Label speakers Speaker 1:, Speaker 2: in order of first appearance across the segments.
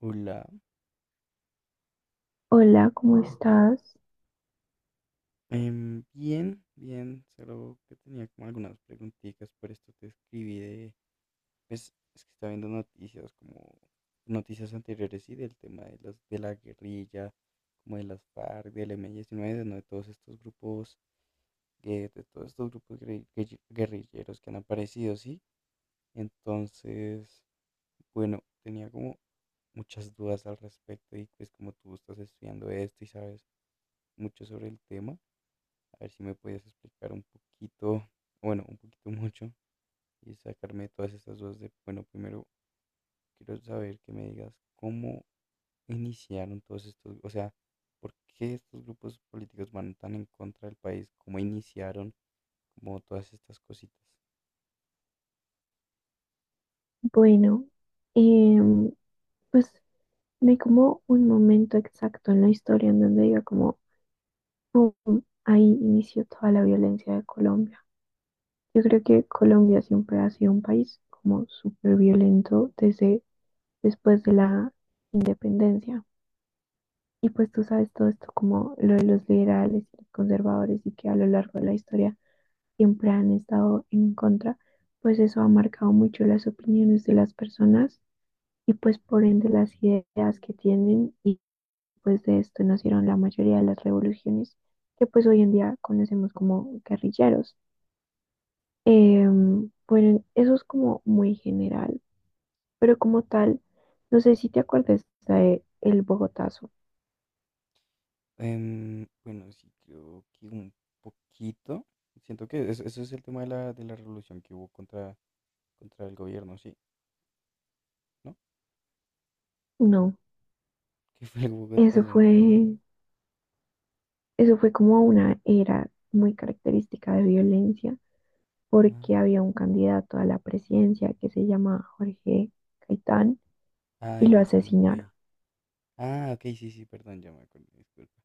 Speaker 1: Hola.
Speaker 2: Hola, ¿cómo estás?
Speaker 1: Bien, bien, solo que tenía como algunas preguntitas, por esto te escribí de, pues es que estaba viendo noticias como noticias anteriores y del tema de las de la guerrilla, como de las FARC, del M19, ¿no? De todos estos grupos, de todos estos grupos guerrilleros que han aparecido, ¿sí? Entonces, bueno, tenía como muchas dudas al respecto y pues como tú estás estudiando esto y sabes mucho sobre el tema. A ver si me podías explicar un poquito, bueno, un poquito mucho y sacarme todas estas dudas de, bueno, primero quiero saber que me digas cómo iniciaron todos estos, o sea, por qué estos grupos políticos van tan en contra del país, cómo iniciaron como todas estas cositas.
Speaker 2: Bueno, em, pues no hay como un momento exacto en la historia en donde diga como pum, ahí inició toda la violencia de Colombia. Yo creo que Colombia siempre ha sido un país como súper violento desde después de la independencia. Y pues tú sabes todo esto como lo de los liberales y los conservadores y que a lo largo de la historia siempre han estado en contra, pues eso ha marcado mucho las opiniones de las personas y pues por ende las ideas que tienen y pues de esto nacieron la mayoría de las revoluciones que pues hoy en día conocemos como guerrilleros. Eh, bueno, eso es como muy general, pero como tal, no sé si te acuerdas de el Bogotazo.
Speaker 1: Bueno, sí, creo que un poquito. Siento que eso es el tema de de la revolución que hubo contra, contra el gobierno, sí, ¿no?
Speaker 2: No,
Speaker 1: Que fue el Bogotá
Speaker 2: eso
Speaker 1: entonces.
Speaker 2: fue, eso fue como una era muy característica de violencia
Speaker 1: Ah,
Speaker 2: porque había un candidato a la presidencia que se llama Jorge Caitán
Speaker 1: ah, de
Speaker 2: y lo
Speaker 1: Gaitán, ok.
Speaker 2: asesinaron.
Speaker 1: Ah, ok, sí, sí, perdón, ya me acordé, disculpa.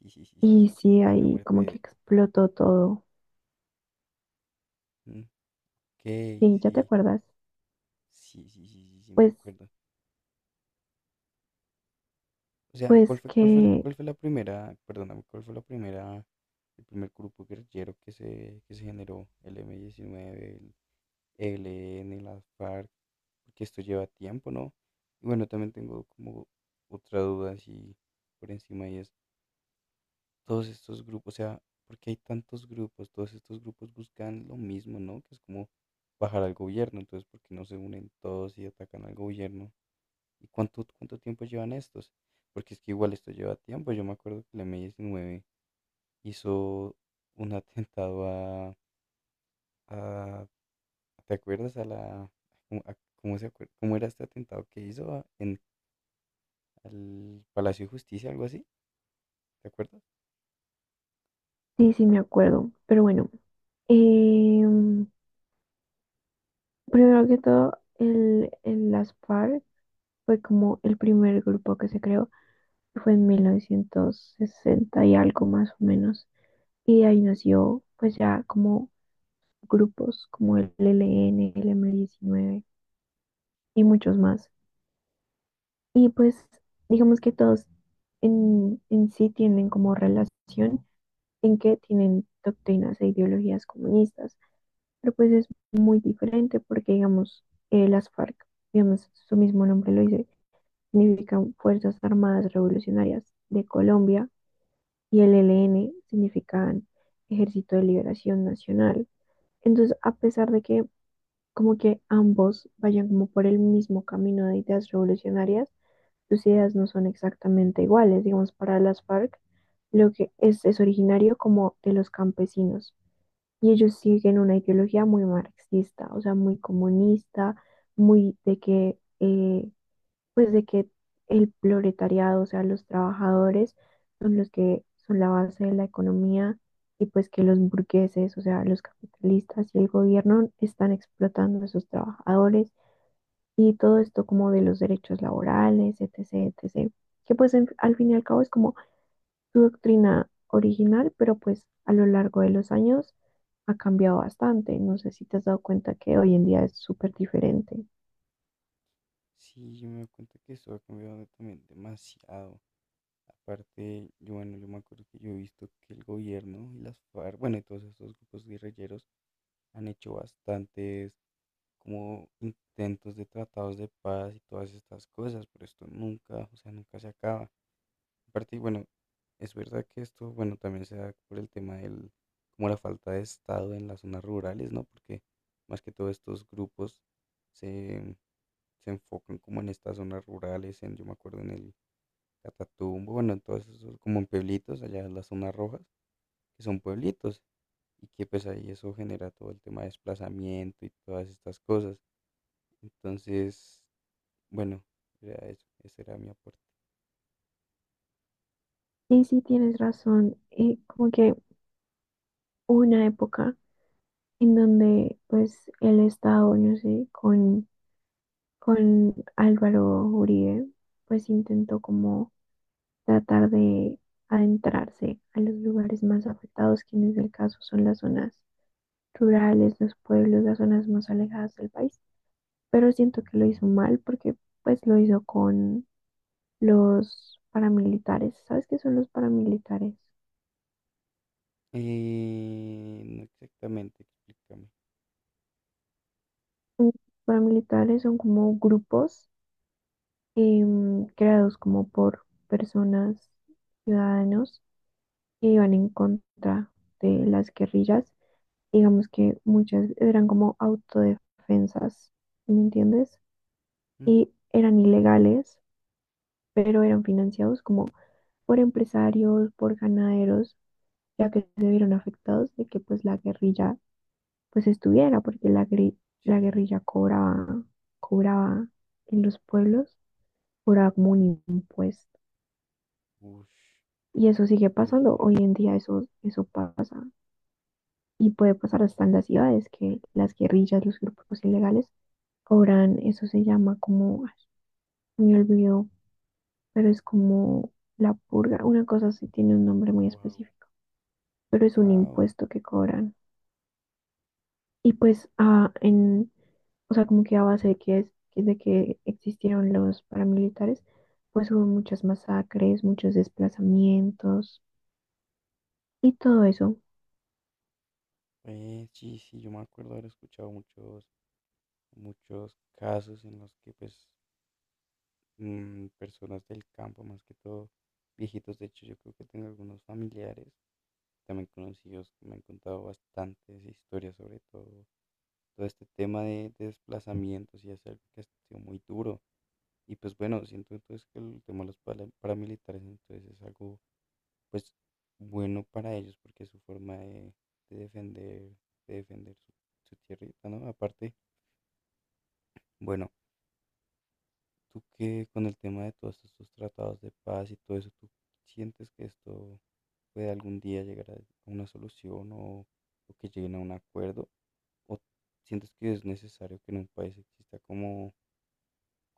Speaker 1: Sí, sí, sí, sí,
Speaker 2: Y
Speaker 1: sí, que
Speaker 2: sí,
Speaker 1: por la
Speaker 2: ahí
Speaker 1: muerte
Speaker 2: como que
Speaker 1: de...
Speaker 2: explotó todo.
Speaker 1: Mm. Ok,
Speaker 2: Sí, ¿ya te
Speaker 1: sí,
Speaker 2: acuerdas?
Speaker 1: sí, sí, sí, sí, sí, me
Speaker 2: Pues,
Speaker 1: acuerdo. O sea,
Speaker 2: pues que
Speaker 1: cuál fue la primera, perdóname, cuál fue la primera, el primer grupo guerrillero que que se generó? ¿El M-19, el ELN, las FARC? Porque esto lleva tiempo, ¿no? Y bueno, también tengo como otra duda así por encima y es... todos estos grupos, o sea, porque hay tantos grupos, todos estos grupos buscan lo mismo, ¿no? Que es como bajar al gobierno. Entonces, ¿por qué no se unen todos y atacan al gobierno? ¿Y cuánto tiempo llevan estos? Porque es que igual esto lleva tiempo, yo me acuerdo que el M19 hizo un atentado a- ¿te acuerdas? A la, ¿cómo, a- cómo se acuer- cómo era este atentado que hizo en al Palacio de Justicia, algo así? ¿Te acuerdas?
Speaker 2: sí, sí me acuerdo. Pero bueno, em, primero que todo, el Las FARC fue como el primer grupo que se creó, que fue en 1960 y algo más o menos. Y de ahí nació pues ya como grupos como el ELN, el M-19 y muchos más. Y pues digamos que todos en sí tienen como relación en que tienen doctrinas e ideologías comunistas, pero pues es muy diferente porque, digamos, las FARC, digamos, su mismo nombre lo dice, significan Fuerzas Armadas Revolucionarias de Colombia y el ELN significan Ejército de Liberación Nacional. Entonces, a pesar de que como que ambos vayan como por el mismo camino de ideas revolucionarias, sus ideas no son exactamente iguales. Digamos, para las FARC, lo que es originario como de los campesinos, y ellos siguen una ideología muy marxista, o sea, muy comunista, muy de que, pues de que el proletariado, o sea, los trabajadores son los que son la base de la economía y pues que los burgueses, o sea, los capitalistas y el gobierno están explotando a sus trabajadores y todo esto como de los derechos laborales, etcétera, etcétera, que pues en- al fin y al cabo es como su doctrina original, pero pues a lo largo de los años ha cambiado bastante. No sé si te has dado cuenta que hoy en día es súper diferente.
Speaker 1: Sí, yo me doy cuenta que eso ha cambiado también demasiado. Aparte, yo, bueno, yo me acuerdo que yo he visto que el gobierno y las FARC, bueno, y todos estos grupos guerrilleros han hecho bastantes como intentos de tratados de paz y todas estas cosas, pero esto nunca, o sea, nunca se acaba. Aparte, y bueno, es verdad que esto, bueno, también se da por el tema del, como la falta de Estado en las zonas rurales, ¿no? Porque más que todo estos grupos se, se enfocan como en estas zonas rurales, en, yo me acuerdo en el Catatumbo, bueno, en todos esos, como en pueblitos, allá en las zonas rojas, que son pueblitos, y que pues ahí eso genera todo el tema de desplazamiento y todas estas cosas. Entonces, bueno, era eso, ese era mi aporte.
Speaker 2: Sí, sí, tienes razón. Como que hubo una época en donde pues el Estado, no sé, con Álvaro Uribe, pues intentó como tratar de adentrarse a los lugares más afectados, que en el caso son las zonas rurales, los pueblos, las zonas más alejadas del país. Pero siento que lo hizo mal porque pues lo hizo con los paramilitares. ¿Sabes qué son los paramilitares?
Speaker 1: No exactamente, explícame.
Speaker 2: Mm, paramilitares son como grupos creados como por personas, ciudadanos, que iban en contra de las guerrillas. Digamos que muchas eran como autodefensas, ¿me entiendes?
Speaker 1: Mm.
Speaker 2: Y eran ilegales, pero eran financiados como por empresarios, por ganaderos ya que se vieron afectados de que pues la guerrilla pues estuviera, porque la, gri- la
Speaker 1: Sí,
Speaker 2: guerrilla cobraba, cobraba en los pueblos, cobraba como un impuesto.
Speaker 1: uff,
Speaker 2: Y
Speaker 1: qué
Speaker 2: eso sigue
Speaker 1: muy
Speaker 2: pasando, hoy
Speaker 1: heavy.
Speaker 2: en día eso, eso pasa y puede pasar hasta en las ciudades, que las guerrillas, los grupos ilegales cobran, eso se llama como, ay, me olvidó, pero es como la purga, una cosa así tiene un nombre muy
Speaker 1: Wow.
Speaker 2: específico, pero es un
Speaker 1: Wow.
Speaker 2: impuesto que cobran. Y pues, o sea, como que a base de que, de que existieron los paramilitares, pues hubo muchas masacres, muchos desplazamientos y todo eso.
Speaker 1: Sí, sí, yo me acuerdo haber escuchado muchos, muchos casos en los que pues mm, personas del campo, más que todo viejitos. De hecho, yo creo que tengo algunos familiares, también conocidos, que me han contado bastantes historias sobre todo este tema de desplazamientos y es algo que ha sido muy duro. Y pues bueno, siento entonces que el tema de los paramilitares entonces es algo pues bueno para ellos porque es su forma de defender, de defender su, su tierrita, ¿no? Aparte, bueno. Tú qué con el tema de todos estos tratados de paz y todo eso, ¿tú sientes que esto puede algún día llegar a una solución o que lleguen a un acuerdo? ¿O sientes que es necesario que en un país exista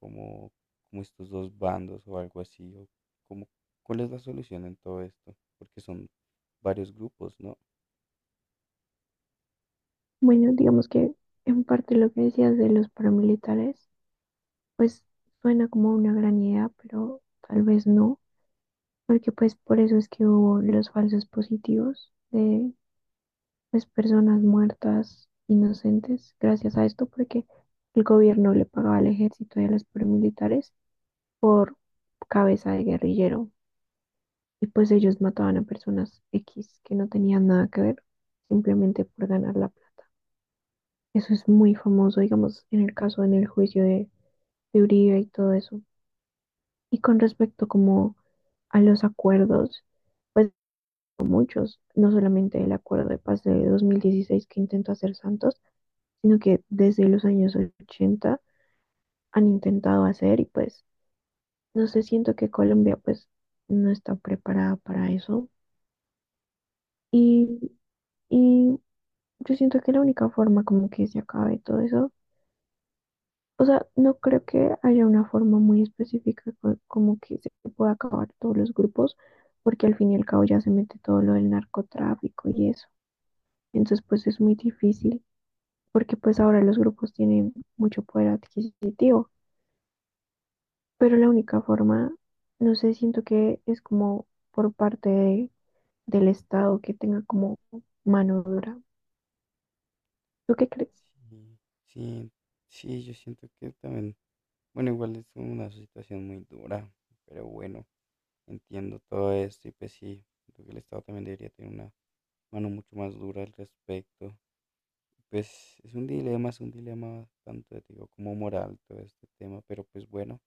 Speaker 1: como, como estos dos bandos o algo así? ¿O como, cuál es la solución en todo esto? Porque son varios grupos, ¿no?
Speaker 2: Bueno, digamos que en parte lo que decías de los paramilitares, pues suena como una gran idea, pero tal vez no, porque pues por eso es que hubo los falsos positivos de pues personas muertas inocentes gracias a esto, porque el gobierno le pagaba al ejército y a los paramilitares por cabeza de guerrillero. Y pues ellos mataban a personas X que no tenían nada que ver, simplemente por ganar la plata. Eso es muy famoso, digamos, en el caso, en el juicio de Uribe y todo eso. Y con respecto como a los acuerdos, pues muchos, no solamente el acuerdo de paz de 2016 que intentó hacer Santos, sino que desde los años 80 han intentado hacer y pues no sé, siento que Colombia pues no está preparada para eso. Y, y yo siento que la única forma como que se acabe todo eso, o sea, no creo que haya una forma muy específica co- como que se pueda acabar todos los grupos, porque al fin y al cabo ya se mete todo lo del narcotráfico y eso. Entonces, pues es muy difícil, porque pues ahora los grupos tienen mucho poder adquisitivo, pero la única forma, no sé, siento que es como por parte de- del Estado que tenga como mano dura. ¿Tú qué crees?
Speaker 1: Sí, sí, sí, yo siento que también, bueno, igual es una situación muy dura, pero bueno. Entiendo todo esto y pues sí, creo que el Estado también debería tener una mano mucho más dura al respecto. Pues es un dilema tanto, te digo, como moral todo este tema, pero pues bueno,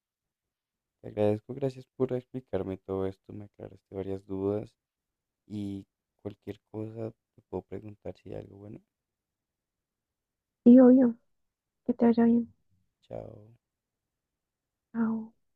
Speaker 1: te agradezco, gracias por explicarme todo esto, me aclaraste varias dudas y cualquier cosa te puedo preguntar si hay algo bueno.
Speaker 2: Y obvio, que te vaya bien.
Speaker 1: Chao.
Speaker 2: Ah,